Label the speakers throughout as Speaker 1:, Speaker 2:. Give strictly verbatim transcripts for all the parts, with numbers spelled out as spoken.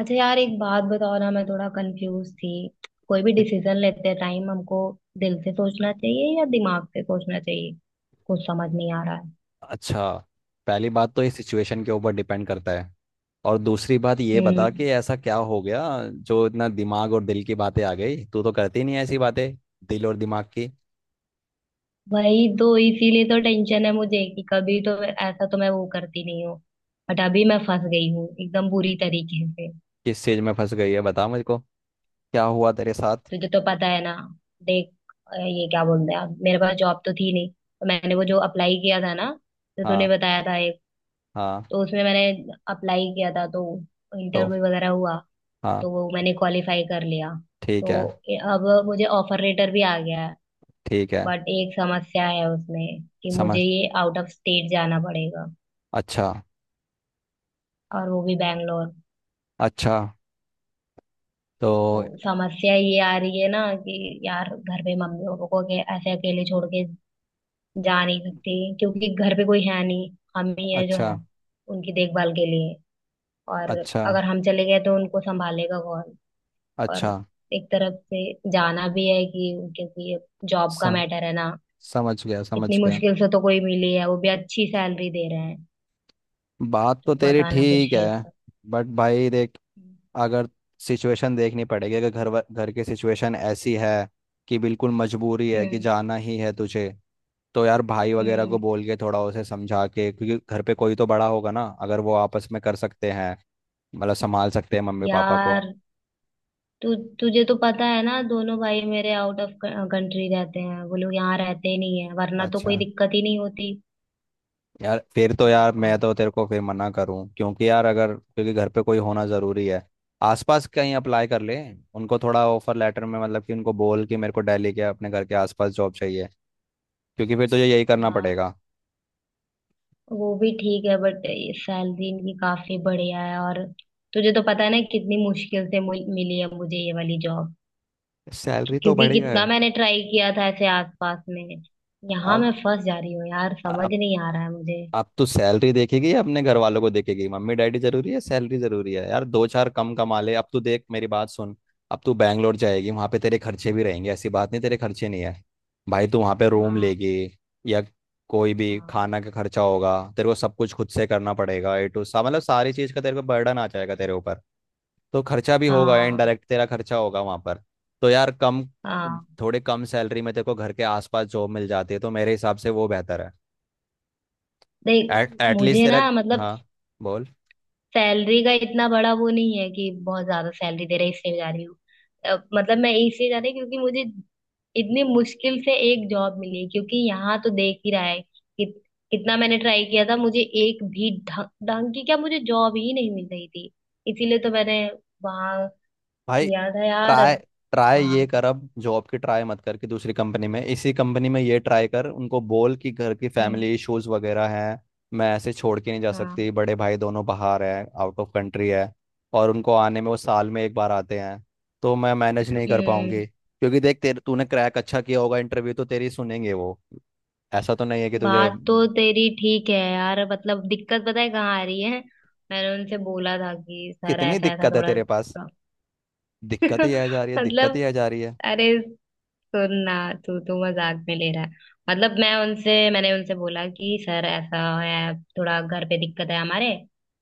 Speaker 1: अच्छा यार, एक बात बताओ ना, मैं थोड़ा कंफ्यूज थी। कोई भी
Speaker 2: कि-
Speaker 1: डिसीजन लेते टाइम हमको दिल से सोचना चाहिए या दिमाग से सोचना चाहिए? कुछ समझ नहीं आ रहा है।
Speaker 2: अच्छा। पहली बात तो ये सिचुएशन के ऊपर डिपेंड करता है। और दूसरी बात ये बता
Speaker 1: हम्म।
Speaker 2: कि ऐसा क्या हो गया जो इतना दिमाग और दिल की बातें आ गई। तू तो करती नहीं है ऐसी बातें दिल और दिमाग की।
Speaker 1: वही तो, इसीलिए तो टेंशन है मुझे कि कभी तो मैं- ऐसा तो मैं वो करती नहीं हूँ। बट अभी मैं फंस गई हूँ एकदम बुरी तरीके से।
Speaker 2: किस चीज में फंस गई है बता मुझको। क्या हुआ तेरे साथ?
Speaker 1: तुझे तो पता है ना, देख, अ, ये क्या बोलते हैं आप, मेरे पास जॉब तो थी नहीं, तो मैंने वो जो अप्लाई किया था ना, तो तूने
Speaker 2: हाँ।
Speaker 1: बताया था एक,
Speaker 2: हाँ।
Speaker 1: तो उसमें मैंने अप्लाई किया था, तो
Speaker 2: तो
Speaker 1: इंटरव्यू वगैरह हुआ,
Speaker 2: हाँ।
Speaker 1: तो वो मैंने क्वालिफाई कर लिया।
Speaker 2: ठीक
Speaker 1: तो
Speaker 2: है।
Speaker 1: ए- अब मुझे ऑफर लेटर भी आ गया है।
Speaker 2: ठीक है।
Speaker 1: बट एक समस्या है उसमें कि मुझे
Speaker 2: समझ।
Speaker 1: ये आउट ऑफ स्टेट जाना पड़ेगा,
Speaker 2: अच्छा।
Speaker 1: और वो भी बैंगलोर।
Speaker 2: अच्छा।
Speaker 1: तो
Speaker 2: तो।
Speaker 1: समस्या ये आ रही है ना कि यार, घर पे मम्मी पापा को अके- ऐसे अकेले छोड़ के जा नहीं सकती, क्योंकि घर पे कोई है नहीं। हम ही है जो
Speaker 2: अच्छा।
Speaker 1: है उनकी देखभाल के लिए। और
Speaker 2: अच्छा।
Speaker 1: अगर हम चले गए तो उनको संभालेगा कौन?
Speaker 2: अच्छा।
Speaker 1: और एक तरफ से जाना भी है कि, क्योंकि जॉब का
Speaker 2: सम,
Speaker 1: मैटर है ना,
Speaker 2: समझ गया समझ
Speaker 1: इतनी
Speaker 2: गया।
Speaker 1: मुश्किल से तो कोई मिली है, वो भी अच्छी सैलरी दे रहे हैं।
Speaker 2: बात तो
Speaker 1: तो
Speaker 2: तेरी
Speaker 1: बताना, कुछ
Speaker 2: ठीक
Speaker 1: हेल्प
Speaker 2: है।
Speaker 1: कर।
Speaker 2: बट भाई देख। अगर सिचुएशन देखनी पड़ेगी, अगर घर वा- घर की सिचुएशन ऐसी है कि बिल्कुल मजबूरी है कि
Speaker 1: हम्म।
Speaker 2: जाना ही है तुझे। तो यार, भाई वगैरह
Speaker 1: हम्म।
Speaker 2: को बोल के थोड़ा उसे समझा के, क्योंकि घर पे कोई तो बड़ा होगा ना, अगर वो आपस में कर सकते हैं, मतलब संभाल सकते हैं मम्मी पापा को।
Speaker 1: यार तु, तुझे तो पता है ना, दोनों भाई मेरे आउट ऑफ कंट्री रहते हैं, वो लोग यहाँ रहते ही नहीं है, वरना तो
Speaker 2: अच्छा।
Speaker 1: कोई दिक्कत ही नहीं होती।
Speaker 2: यार फिर तो, यार मैं
Speaker 1: हाँ।
Speaker 2: तो तेरे को फिर मना करूं, क्योंकि यार अगर, क्योंकि घर पे कोई होना ज़रूरी है। आसपास कहीं अप्लाई कर ले। उनको थोड़ा ऑफर लेटर में, मतलब कि उनको बोल कि मेरे को दिल्ली के अपने घर के आसपास जॉब चाहिए, क्योंकि फिर तुझे यही करना
Speaker 1: बा,
Speaker 2: पड़ेगा।
Speaker 1: वो भी ठीक है बट सैलरी इनकी काफी बढ़िया है, और तुझे तो पता है ना कितनी मुश्किल से मिल- मिली है मुझे ये वाली जॉब।
Speaker 2: सैलरी तो
Speaker 1: क्योंकि
Speaker 2: बढ़िया
Speaker 1: कितना
Speaker 2: है।
Speaker 1: मैंने ट्राई किया था ऐसे आसपास में। यहाँ
Speaker 2: अब
Speaker 1: मैं फंस जा रही हूँ यार, समझ
Speaker 2: आप
Speaker 1: नहीं आ रहा है मुझे।
Speaker 2: आप तो सैलरी देखेगी या अपने घर वालों को देखेगी। मम्मी डैडी जरूरी है। सैलरी जरूरी है यार। दो चार कम कमा ले। अब तू देख, मेरी बात सुन। अब तू बैंगलोर जाएगी, वहां पे तेरे खर्चे भी रहेंगे, ऐसी बात नहीं तेरे खर्चे नहीं है। भाई तू वहां पे रूम
Speaker 1: हाँ।
Speaker 2: लेगी या कोई भी
Speaker 1: हाँ।
Speaker 2: खाना का खर्चा होगा, तेरे को सब कुछ खुद से करना पड़ेगा। ए टू सा, मतलब सारी चीज का तेरे को बर्डन आ जाएगा तेरे ऊपर। तो खर्चा भी होगा,
Speaker 1: हाँ।
Speaker 2: इनडायरेक्ट तेरा खर्चा होगा वहां पर। तो यार कम,
Speaker 1: हाँ।
Speaker 2: थोड़े कम सैलरी में तेरे को घर के आसपास जॉब मिल जाती है तो मेरे हिसाब से वो बेहतर है।
Speaker 1: देख,
Speaker 2: एट एटलीस्ट
Speaker 1: मुझे
Speaker 2: तेरा।
Speaker 1: ना, मतलब
Speaker 2: हाँ। बोल।
Speaker 1: सैलरी का इतना बड़ा वो नहीं है कि बहुत ज्यादा सैलरी दे रहे इसलिए जा रही हूँ। अ, मतलब मैं इसलिए जा रही हूँ क्योंकि मुझे इतनी मुश्किल से एक जॉब मिली। क्योंकि यहाँ तो देख ही रहा है कि कितना मैंने ट्राई किया था, मुझे एक भी ढंग ढंग की, क्या, मुझे जॉब ही नहीं मिल रही थी। इसीलिए तो मैंने वहां
Speaker 2: भाई
Speaker 1: किया था यार।
Speaker 2: ट्राई
Speaker 1: अब
Speaker 2: ट्राई ये
Speaker 1: बात,
Speaker 2: कर, अब जॉब की ट्राई मत कर कि दूसरी कंपनी में, इसी कंपनी में ये ट्राई कर, उनको बोल कि घर की
Speaker 1: हम्म,
Speaker 2: फैमिली इश्यूज वगैरह हैं। मैं ऐसे छोड़ के नहीं जा
Speaker 1: हाँ,
Speaker 2: सकती, बड़े भाई दोनों बाहर हैं, आउट ऑफ कंट्री है। और उनको आने में, वो साल में एक बार आते हैं। तो मैं मैनेज नहीं कर
Speaker 1: हम्म,
Speaker 2: पाऊंगी, क्योंकि देख तेरे तूने क्रैक अच्छा किया होगा इंटरव्यू तो तेरी सुनेंगे वो। ऐसा तो नहीं है कि तुझे।
Speaker 1: बात तो तेरी ठीक है यार, मतलब दिक्कत पता है कहाँ आ रही है? मैंने उनसे बोला था कि सर
Speaker 2: कितनी
Speaker 1: ऐसा ऐसा
Speaker 2: दिक्कत है
Speaker 1: थोड़ा
Speaker 2: तेरे पास। दिक्कत ही आ जा रही है, दिक्कत ही
Speaker 1: मतलब,
Speaker 2: आ जा रही है।
Speaker 1: अरे सुन ना, तू तो मजाक में ले रहा है। मतलब मैं उनसे मैंने उनसे बोला कि सर, ऐसा है थोड़ा, घर पे दिक्कत है हमारे,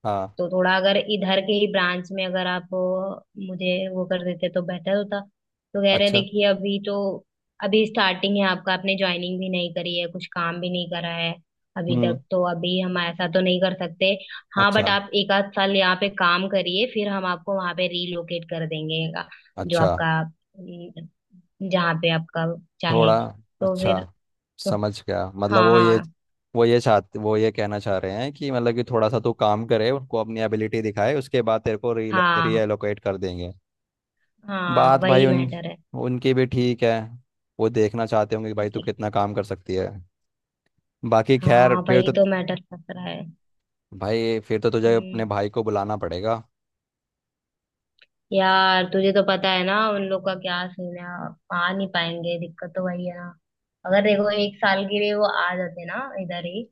Speaker 2: हाँ।
Speaker 1: तो थोड़ा अगर इधर के ही ब्रांच में अगर आप अ, मुझे वो कर देते तो बेटर होता। तो कह रहे
Speaker 2: अच्छा।
Speaker 1: देखिए, अभी तो, अभी स्टार्टिंग है आपका, आपने ज्वाइनिंग भी नहीं करी है, कुछ काम भी नहीं करा है अभी
Speaker 2: हम्म।
Speaker 1: तक, तो अभी हम ऐसा तो नहीं कर सकते। हाँ। बट
Speaker 2: अच्छा।
Speaker 1: आप एक आध साल यहाँ पे काम करिए, फिर हम आपको वहां पे रीलोकेट कर देंगे का- जो
Speaker 2: अच्छा।
Speaker 1: आपका अम, जहाँ पे आपका चाहे।
Speaker 2: थोड़ा।
Speaker 1: तो
Speaker 2: अच्छा।
Speaker 1: फिर तो,
Speaker 2: समझ गया। मतलब
Speaker 1: हाँ
Speaker 2: वो ये,
Speaker 1: हाँ,
Speaker 2: वो ये चाहते वो ये कहना चाह रहे हैं कि मतलब कि थोड़ा सा तू काम करे, उनको अपनी एबिलिटी दिखाए, उसके बाद तेरे को री
Speaker 1: हाँ
Speaker 2: रीएलोकेट कर देंगे।
Speaker 1: हाँ,
Speaker 2: बात भाई,
Speaker 1: वही
Speaker 2: उन
Speaker 1: मैटर है।
Speaker 2: उनकी भी ठीक है। वो देखना चाहते होंगे कि भाई तू
Speaker 1: ओके।
Speaker 2: कितना काम कर सकती है। बाकी खैर
Speaker 1: हाँ
Speaker 2: फिर
Speaker 1: वही
Speaker 2: तो।
Speaker 1: तो मैटर फंस रहा है।
Speaker 2: भाई फिर तो तुझे अपने
Speaker 1: हम्म।
Speaker 2: भाई को बुलाना पड़ेगा।
Speaker 1: यार तुझे तो पता है ना उन लोग का क्या सीन है, आ नहीं पाएंगे, दिक्कत तो वही है ना। अगर देखो एक साल के लिए वो आ जाते ना इधर ही,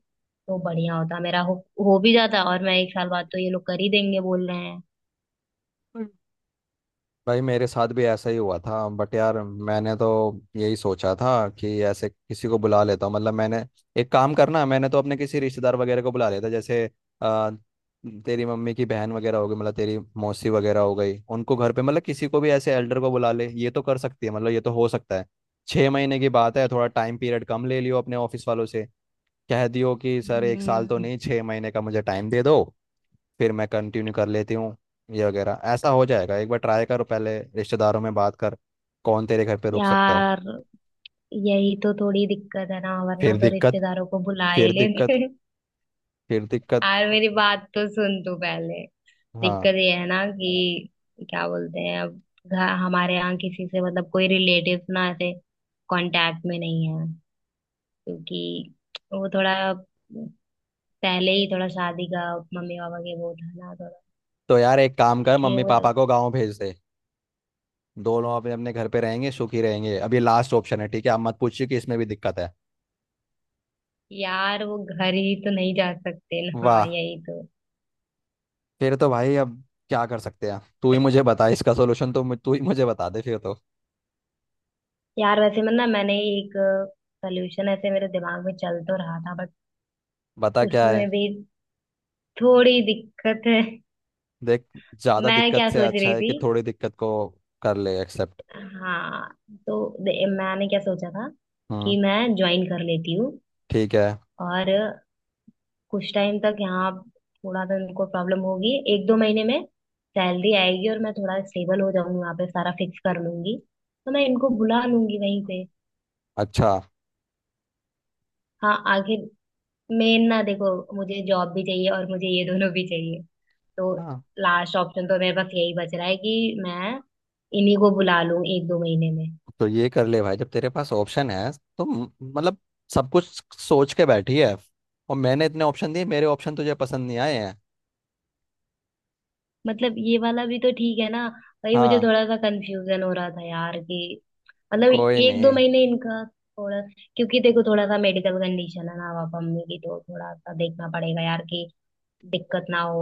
Speaker 1: तो बढ़िया होता, मेरा हो, हो भी जाता, और मैं एक साल बाद, तो ये लोग कर ही देंगे बोल रहे हैं।
Speaker 2: भाई मेरे साथ भी ऐसा ही हुआ था, बट यार मैंने तो यही सोचा था कि ऐसे किसी को बुला लेता हूँ, मतलब मैंने एक काम करना, मैंने तो अपने किसी रिश्तेदार वगैरह को बुला लेता, जैसे आ, तेरी मम्मी की बहन वगैरह हो गई, मतलब तेरी मौसी वगैरह हो गई, उनको घर पे, मतलब किसी को भी ऐसे एल्डर को बुला ले, ये तो कर सकती है, मतलब ये तो हो सकता है। छः महीने की बात है, थोड़ा टाइम पीरियड कम ले लियो अपने ऑफिस वालों से। कह दियो कि सर एक साल तो
Speaker 1: हम्म।
Speaker 2: नहीं, छः महीने का मुझे टाइम दे दो। फिर मैं कंटिन्यू कर लेती हूँ। ये वगैरह ऐसा हो जाएगा, एक बार ट्राई करो, पहले रिश्तेदारों में बात कर। कौन तेरे घर पे रुक सकता है?
Speaker 1: यार यही तो थोड़ी दिक्कत है ना, वरना
Speaker 2: फिर
Speaker 1: तो
Speaker 2: दिक्कत।
Speaker 1: रिश्तेदारों को बुला ही
Speaker 2: फिर दिक्कत।
Speaker 1: लेते।
Speaker 2: फिर दिक्कत।
Speaker 1: यार मेरी बात तो सुन तू पहले।
Speaker 2: हाँ।
Speaker 1: दिक्कत ये है ना कि, क्या बोलते हैं अब, घ- हमारे यहाँ किसी से मतलब कोई रिलेटिव ना ऐसे कांटेक्ट में नहीं है। क्योंकि वो थोड़ा पहले ही थोड़ा शादी का, मम्मी पापा के वो था ना थोड़ा,
Speaker 2: तो यार एक काम कर,
Speaker 1: इसलिए
Speaker 2: मम्मी
Speaker 1: वो
Speaker 2: पापा
Speaker 1: लोग।
Speaker 2: को गाँव भेज दे। दोनों अपने अपने घर पे रहेंगे, सुखी रहेंगे। अब ये लास्ट ऑप्शन है, ठीक है? आप मत पूछिए कि इसमें भी दिक्कत है।
Speaker 1: यार वो घर ही तो नहीं जा सकते ना, हाँ
Speaker 2: वाह।
Speaker 1: यही तो।
Speaker 2: फिर तो भाई, अब क्या कर सकते हैं, तू ही मुझे बता इसका सोल्यूशन, तो मु- तू ही मुझे बता दे फिर तो।
Speaker 1: यार वैसे मैं ना, मैंने एक सोल्यूशन ऐसे मेरे दिमाग में चल तो रहा था, बट
Speaker 2: बता क्या है?
Speaker 1: उसमें भी थोड़ी दिक्कत है।
Speaker 2: देख। ज़्यादा
Speaker 1: मैं
Speaker 2: दिक्कत
Speaker 1: क्या
Speaker 2: से
Speaker 1: सोच
Speaker 2: अच्छा
Speaker 1: रही
Speaker 2: है
Speaker 1: थी,
Speaker 2: कि थोड़ी दिक्कत को कर ले एक्सेप्ट।
Speaker 1: हाँ, तो दे- मैंने क्या सोचा था कि मैं ज्वाइन कर लेती हूँ,
Speaker 2: ठीक है।
Speaker 1: और कुछ टाइम तक यहाँ थोड़ा सा उनको प्रॉब्लम होगी। एक दो महीने में सैलरी आएगी और मैं थोड़ा स्टेबल हो जाऊंगी, वहाँ पे सारा फिक्स कर लूंगी, तो मैं इनको बुला लूंगी वहीं पे।
Speaker 2: अच्छा।
Speaker 1: हाँ आगे, मेन ना देखो, मुझे जॉब भी चाहिए और मुझे ये दोनों भी चाहिए। तो
Speaker 2: हाँ
Speaker 1: लास्ट ऑप्शन तो मेरे पास यही बच रहा है कि मैं इन्हीं को बुला लूं एक दो महीने में।
Speaker 2: तो ये कर ले भाई, जब तेरे पास ऑप्शन है तो म- मतलब सब कुछ सोच के बैठी है, और मैंने इतने ऑप्शन दिए, मेरे ऑप्शन तुझे पसंद नहीं आए हैं।
Speaker 1: मतलब ये वाला भी तो ठीक है ना। वही मुझे
Speaker 2: हाँ।
Speaker 1: थोड़ा सा कंफ्यूजन हो रहा था यार कि, मतलब
Speaker 2: कोई
Speaker 1: एक दो
Speaker 2: नहीं।
Speaker 1: महीने इनका थोड़ा, क्योंकि देखो थोड़ा सा मेडिकल कंडीशन है ना पापा मम्मी की, तो थोड़ा सा देखना पड़ेगा यार कि दिक्कत ना हो।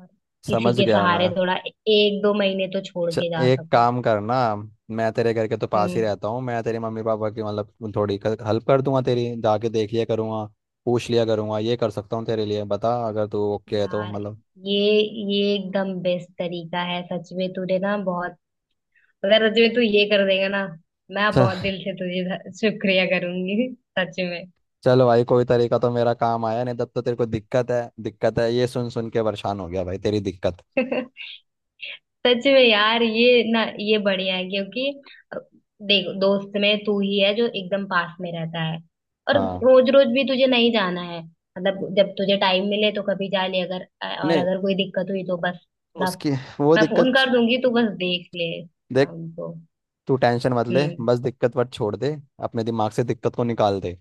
Speaker 1: और किसी
Speaker 2: समझ
Speaker 1: के
Speaker 2: गया मैं।
Speaker 1: सहारे थोड़ा एक दो महीने तो छोड़
Speaker 2: च,
Speaker 1: के जा
Speaker 2: एक
Speaker 1: सको।
Speaker 2: काम करना। मैं तेरे घर के तो पास ही
Speaker 1: हम्म।
Speaker 2: रहता हूँ, मैं तेरे मम्मी पापा की मतलब थोड़ी हेल्प कर दूंगा, तेरी जाके देख लिया करूंगा, पूछ लिया करूंगा। ये कर सकता हूँ तेरे लिए, बता अगर तू ओके है तो,
Speaker 1: यार
Speaker 2: मतलब।
Speaker 1: ये ये एकदम बेस्ट तरीका है, सच में तूने ना बहुत, अगर सच में तू ये कर देगा ना, मैं बहुत दिल से तुझे शुक्रिया करूंगी, सच में।
Speaker 2: चलो भाई, कोई तरीका तो मेरा काम आया नहीं, तब तो तेरे को दिक्कत है दिक्कत है, ये सुन सुन के परेशान हो गया भाई तेरी दिक्कत।
Speaker 1: सच में यार, ये ना ये बढ़िया है, क्योंकि अ, देखो दोस्त में तू ही है जो एकदम पास में रहता है। और
Speaker 2: हाँ।
Speaker 1: रोज रोज भी तुझे नहीं जाना है, मतलब जब तुझे टाइम मिले तो कभी जा ले। अगर अ, और
Speaker 2: नहीं।
Speaker 1: अगर कोई दिक्कत हुई तो बस थोड़ा
Speaker 2: उसकी वो
Speaker 1: मैं फोन
Speaker 2: दिक्कत।
Speaker 1: कर दूंगी, तो बस देख ले ना
Speaker 2: देख,
Speaker 1: उनको।
Speaker 2: तू टेंशन मत ले,
Speaker 1: हम्म।
Speaker 2: बस दिक्कत वट छोड़ दे। अपने दिमाग से दिक्कत को निकाल दे।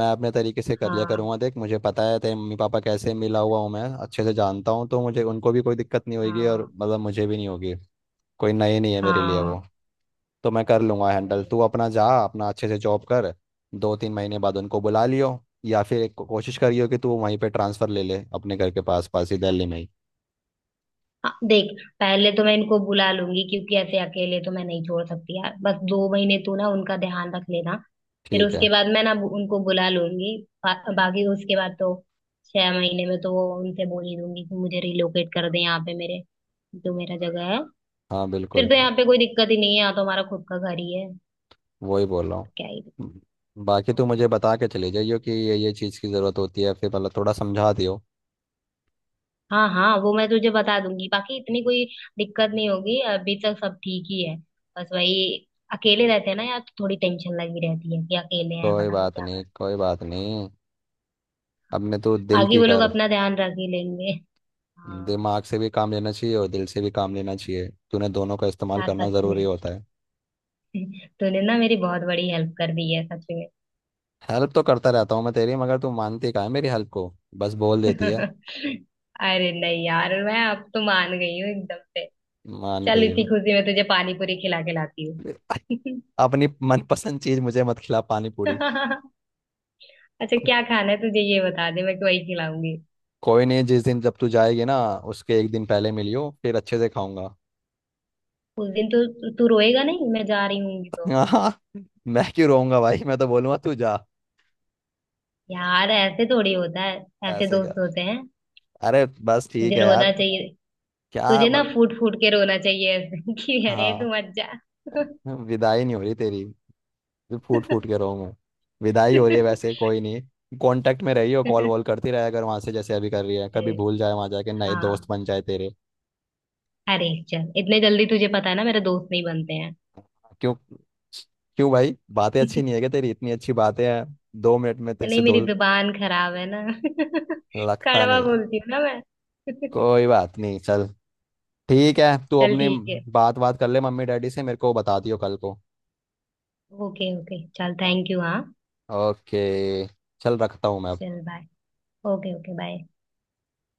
Speaker 2: मैं अपने तरीके से कर लिया
Speaker 1: हाँ
Speaker 2: करूँगा। देख, मुझे पता है तेरे मम्मी पापा कैसे, मिला हुआ हूँ मैं, अच्छे से जानता हूँ, तो मुझे उनको भी कोई दिक्कत नहीं होगी और
Speaker 1: हाँ,
Speaker 2: मतलब मुझे भी नहीं होगी। कोई नई नहीं है मेरे लिए वो।
Speaker 1: हाँ
Speaker 2: तो मैं कर लूंगा हैंडल,
Speaker 1: वही,
Speaker 2: तू अपना जा, अपना अच्छे से जॉब कर। दो तीन महीने बाद उनको बुला लियो। या फिर एक को- कोशिश करियो कि तू वहीं पे ट्रांसफ़र ले ले, अपने घर के पास पास ही, दिल्ली में ही।
Speaker 1: हाँ देख, पहले तो मैं इनको बुला लूंगी क्योंकि ऐसे अकेले तो मैं नहीं छोड़ सकती यार। बस दो महीने तू ना उनका ध्यान रख लेना, फिर
Speaker 2: ठीक है।
Speaker 1: उसके बाद मैं ना बु- उनको बुला लूंगी। बा, बाकी उसके बाद तो छह महीने में तो वो उनसे बोल ही दूंगी कि मुझे रिलोकेट कर दे यहाँ पे, मेरे जो मेरा जगह है।
Speaker 2: हाँ
Speaker 1: फिर
Speaker 2: बिल्कुल।
Speaker 1: तो यहाँ पे कोई दिक्कत ही नहीं है, यहाँ तो हमारा खुद का घर ही है।
Speaker 2: वही बोल
Speaker 1: फिर
Speaker 2: रहा
Speaker 1: तो क्या ही
Speaker 2: हूँ। बाकी
Speaker 1: दिक्कत।
Speaker 2: तू मुझे बता के चले जाइयो कि ये ये चीज़ की ज़रूरत होती है, फिर मतलब थोड़ा समझा दियो।
Speaker 1: हाँ हाँ वो मैं तुझे बता दूंगी, बाकी इतनी कोई दिक्कत नहीं होगी, अभी तक सब ठीक ही है। बस वही अकेले रहते हैं ना यार, तो थोड़ी टेंशन लगी रहती है कि अकेले हैं,
Speaker 2: कोई
Speaker 1: पता नहीं
Speaker 2: बात
Speaker 1: क्या करना
Speaker 2: नहीं, कोई बात नहीं।
Speaker 1: है।
Speaker 2: अपने तू दिल
Speaker 1: बाकी
Speaker 2: की
Speaker 1: वो लोग
Speaker 2: कर।
Speaker 1: अपना ध्यान रख ही लेंगे। हाँ।
Speaker 2: दिमाग से भी काम लेना चाहिए और दिल से भी काम लेना चाहिए, तूने दोनों का इस्तेमाल
Speaker 1: यार
Speaker 2: करना
Speaker 1: सच
Speaker 2: ज़रूरी
Speaker 1: में
Speaker 2: होता है।
Speaker 1: तूने ना मेरी बहुत बड़ी हेल्प कर दी है, सच में।
Speaker 2: हेल्प तो करता रहता हूँ मैं तेरी, मगर तू मानती कहाँ है मेरी हेल्प को। बस बोल देती है।
Speaker 1: अरे नहीं यार, मैं अब तो मान गई हूँ एकदम से।
Speaker 2: मान
Speaker 1: चल
Speaker 2: गई
Speaker 1: इसी
Speaker 2: हूँ।
Speaker 1: खुशी में तुझे पानी पूरी खिला के लाती हूँ।
Speaker 2: अपनी मनपसंद चीज मुझे मत खिला पानी पूरी।
Speaker 1: अच्छा क्या खाना है तुझे ये बता दे, मैं तो वही खिलाऊंगी।
Speaker 2: कोई नहीं, जिस दिन जब तू जाएगी ना, उसके एक दिन पहले मिलियो, फिर अच्छे से खाऊंगा।
Speaker 1: उस दिन तो तू रोएगा नहीं, मैं जा रही हूँ तो?
Speaker 2: हाँ, मैं क्यों रोऊंगा भाई, मैं तो बोलूंगा तू जा।
Speaker 1: यार ऐसे थोड़ी होता है। ऐसे
Speaker 2: ऐसे
Speaker 1: दोस्त
Speaker 2: क्या?
Speaker 1: होते हैं?
Speaker 2: अरे बस ठीक
Speaker 1: तुझे
Speaker 2: है
Speaker 1: रोना
Speaker 2: यार।
Speaker 1: चाहिए,
Speaker 2: क्या
Speaker 1: तुझे ना
Speaker 2: मत।
Speaker 1: फूट फूट के रोना चाहिए ऐसे कि अरे तू
Speaker 2: हाँ।
Speaker 1: मत जा।
Speaker 2: विदाई नहीं हो रही तेरी, जो फूट फूट के रो मैं। विदाई हो रही है वैसे, कोई नहीं। कांटेक्ट में रही हो, कॉल वॉल करती रहे, अगर वहां से जैसे अभी कर रही है,
Speaker 1: अरे,
Speaker 2: कभी भूल जाए, वहां जाके नए दोस्त
Speaker 1: हाँ,
Speaker 2: बन जाए तेरे।
Speaker 1: अरे चल इतने जल्दी तुझे पता है ना मेरे दोस्त नहीं बनते हैं।
Speaker 2: क्यों? क्यों भाई, बातें अच्छी नहीं है क्या तेरी, इतनी अच्छी बातें हैं, दो मिनट में तेरे से
Speaker 1: नहीं मेरी
Speaker 2: दोस्त।
Speaker 1: जुबान खराब है ना
Speaker 2: लगता
Speaker 1: कड़वा
Speaker 2: नहीं है।
Speaker 1: बोलती हूँ ना मैं।
Speaker 2: कोई बात नहीं चल। ठीक है, तू
Speaker 1: चल
Speaker 2: अपनी
Speaker 1: ठीक है।
Speaker 2: बात बात कर ले मम्मी डैडी से, मेरे को बता दियो कल को।
Speaker 1: ओके ओके, चल थैंक यू, हाँ
Speaker 2: ओके, चल रखता हूँ मैं।
Speaker 1: चल बाय। Okay okay bye.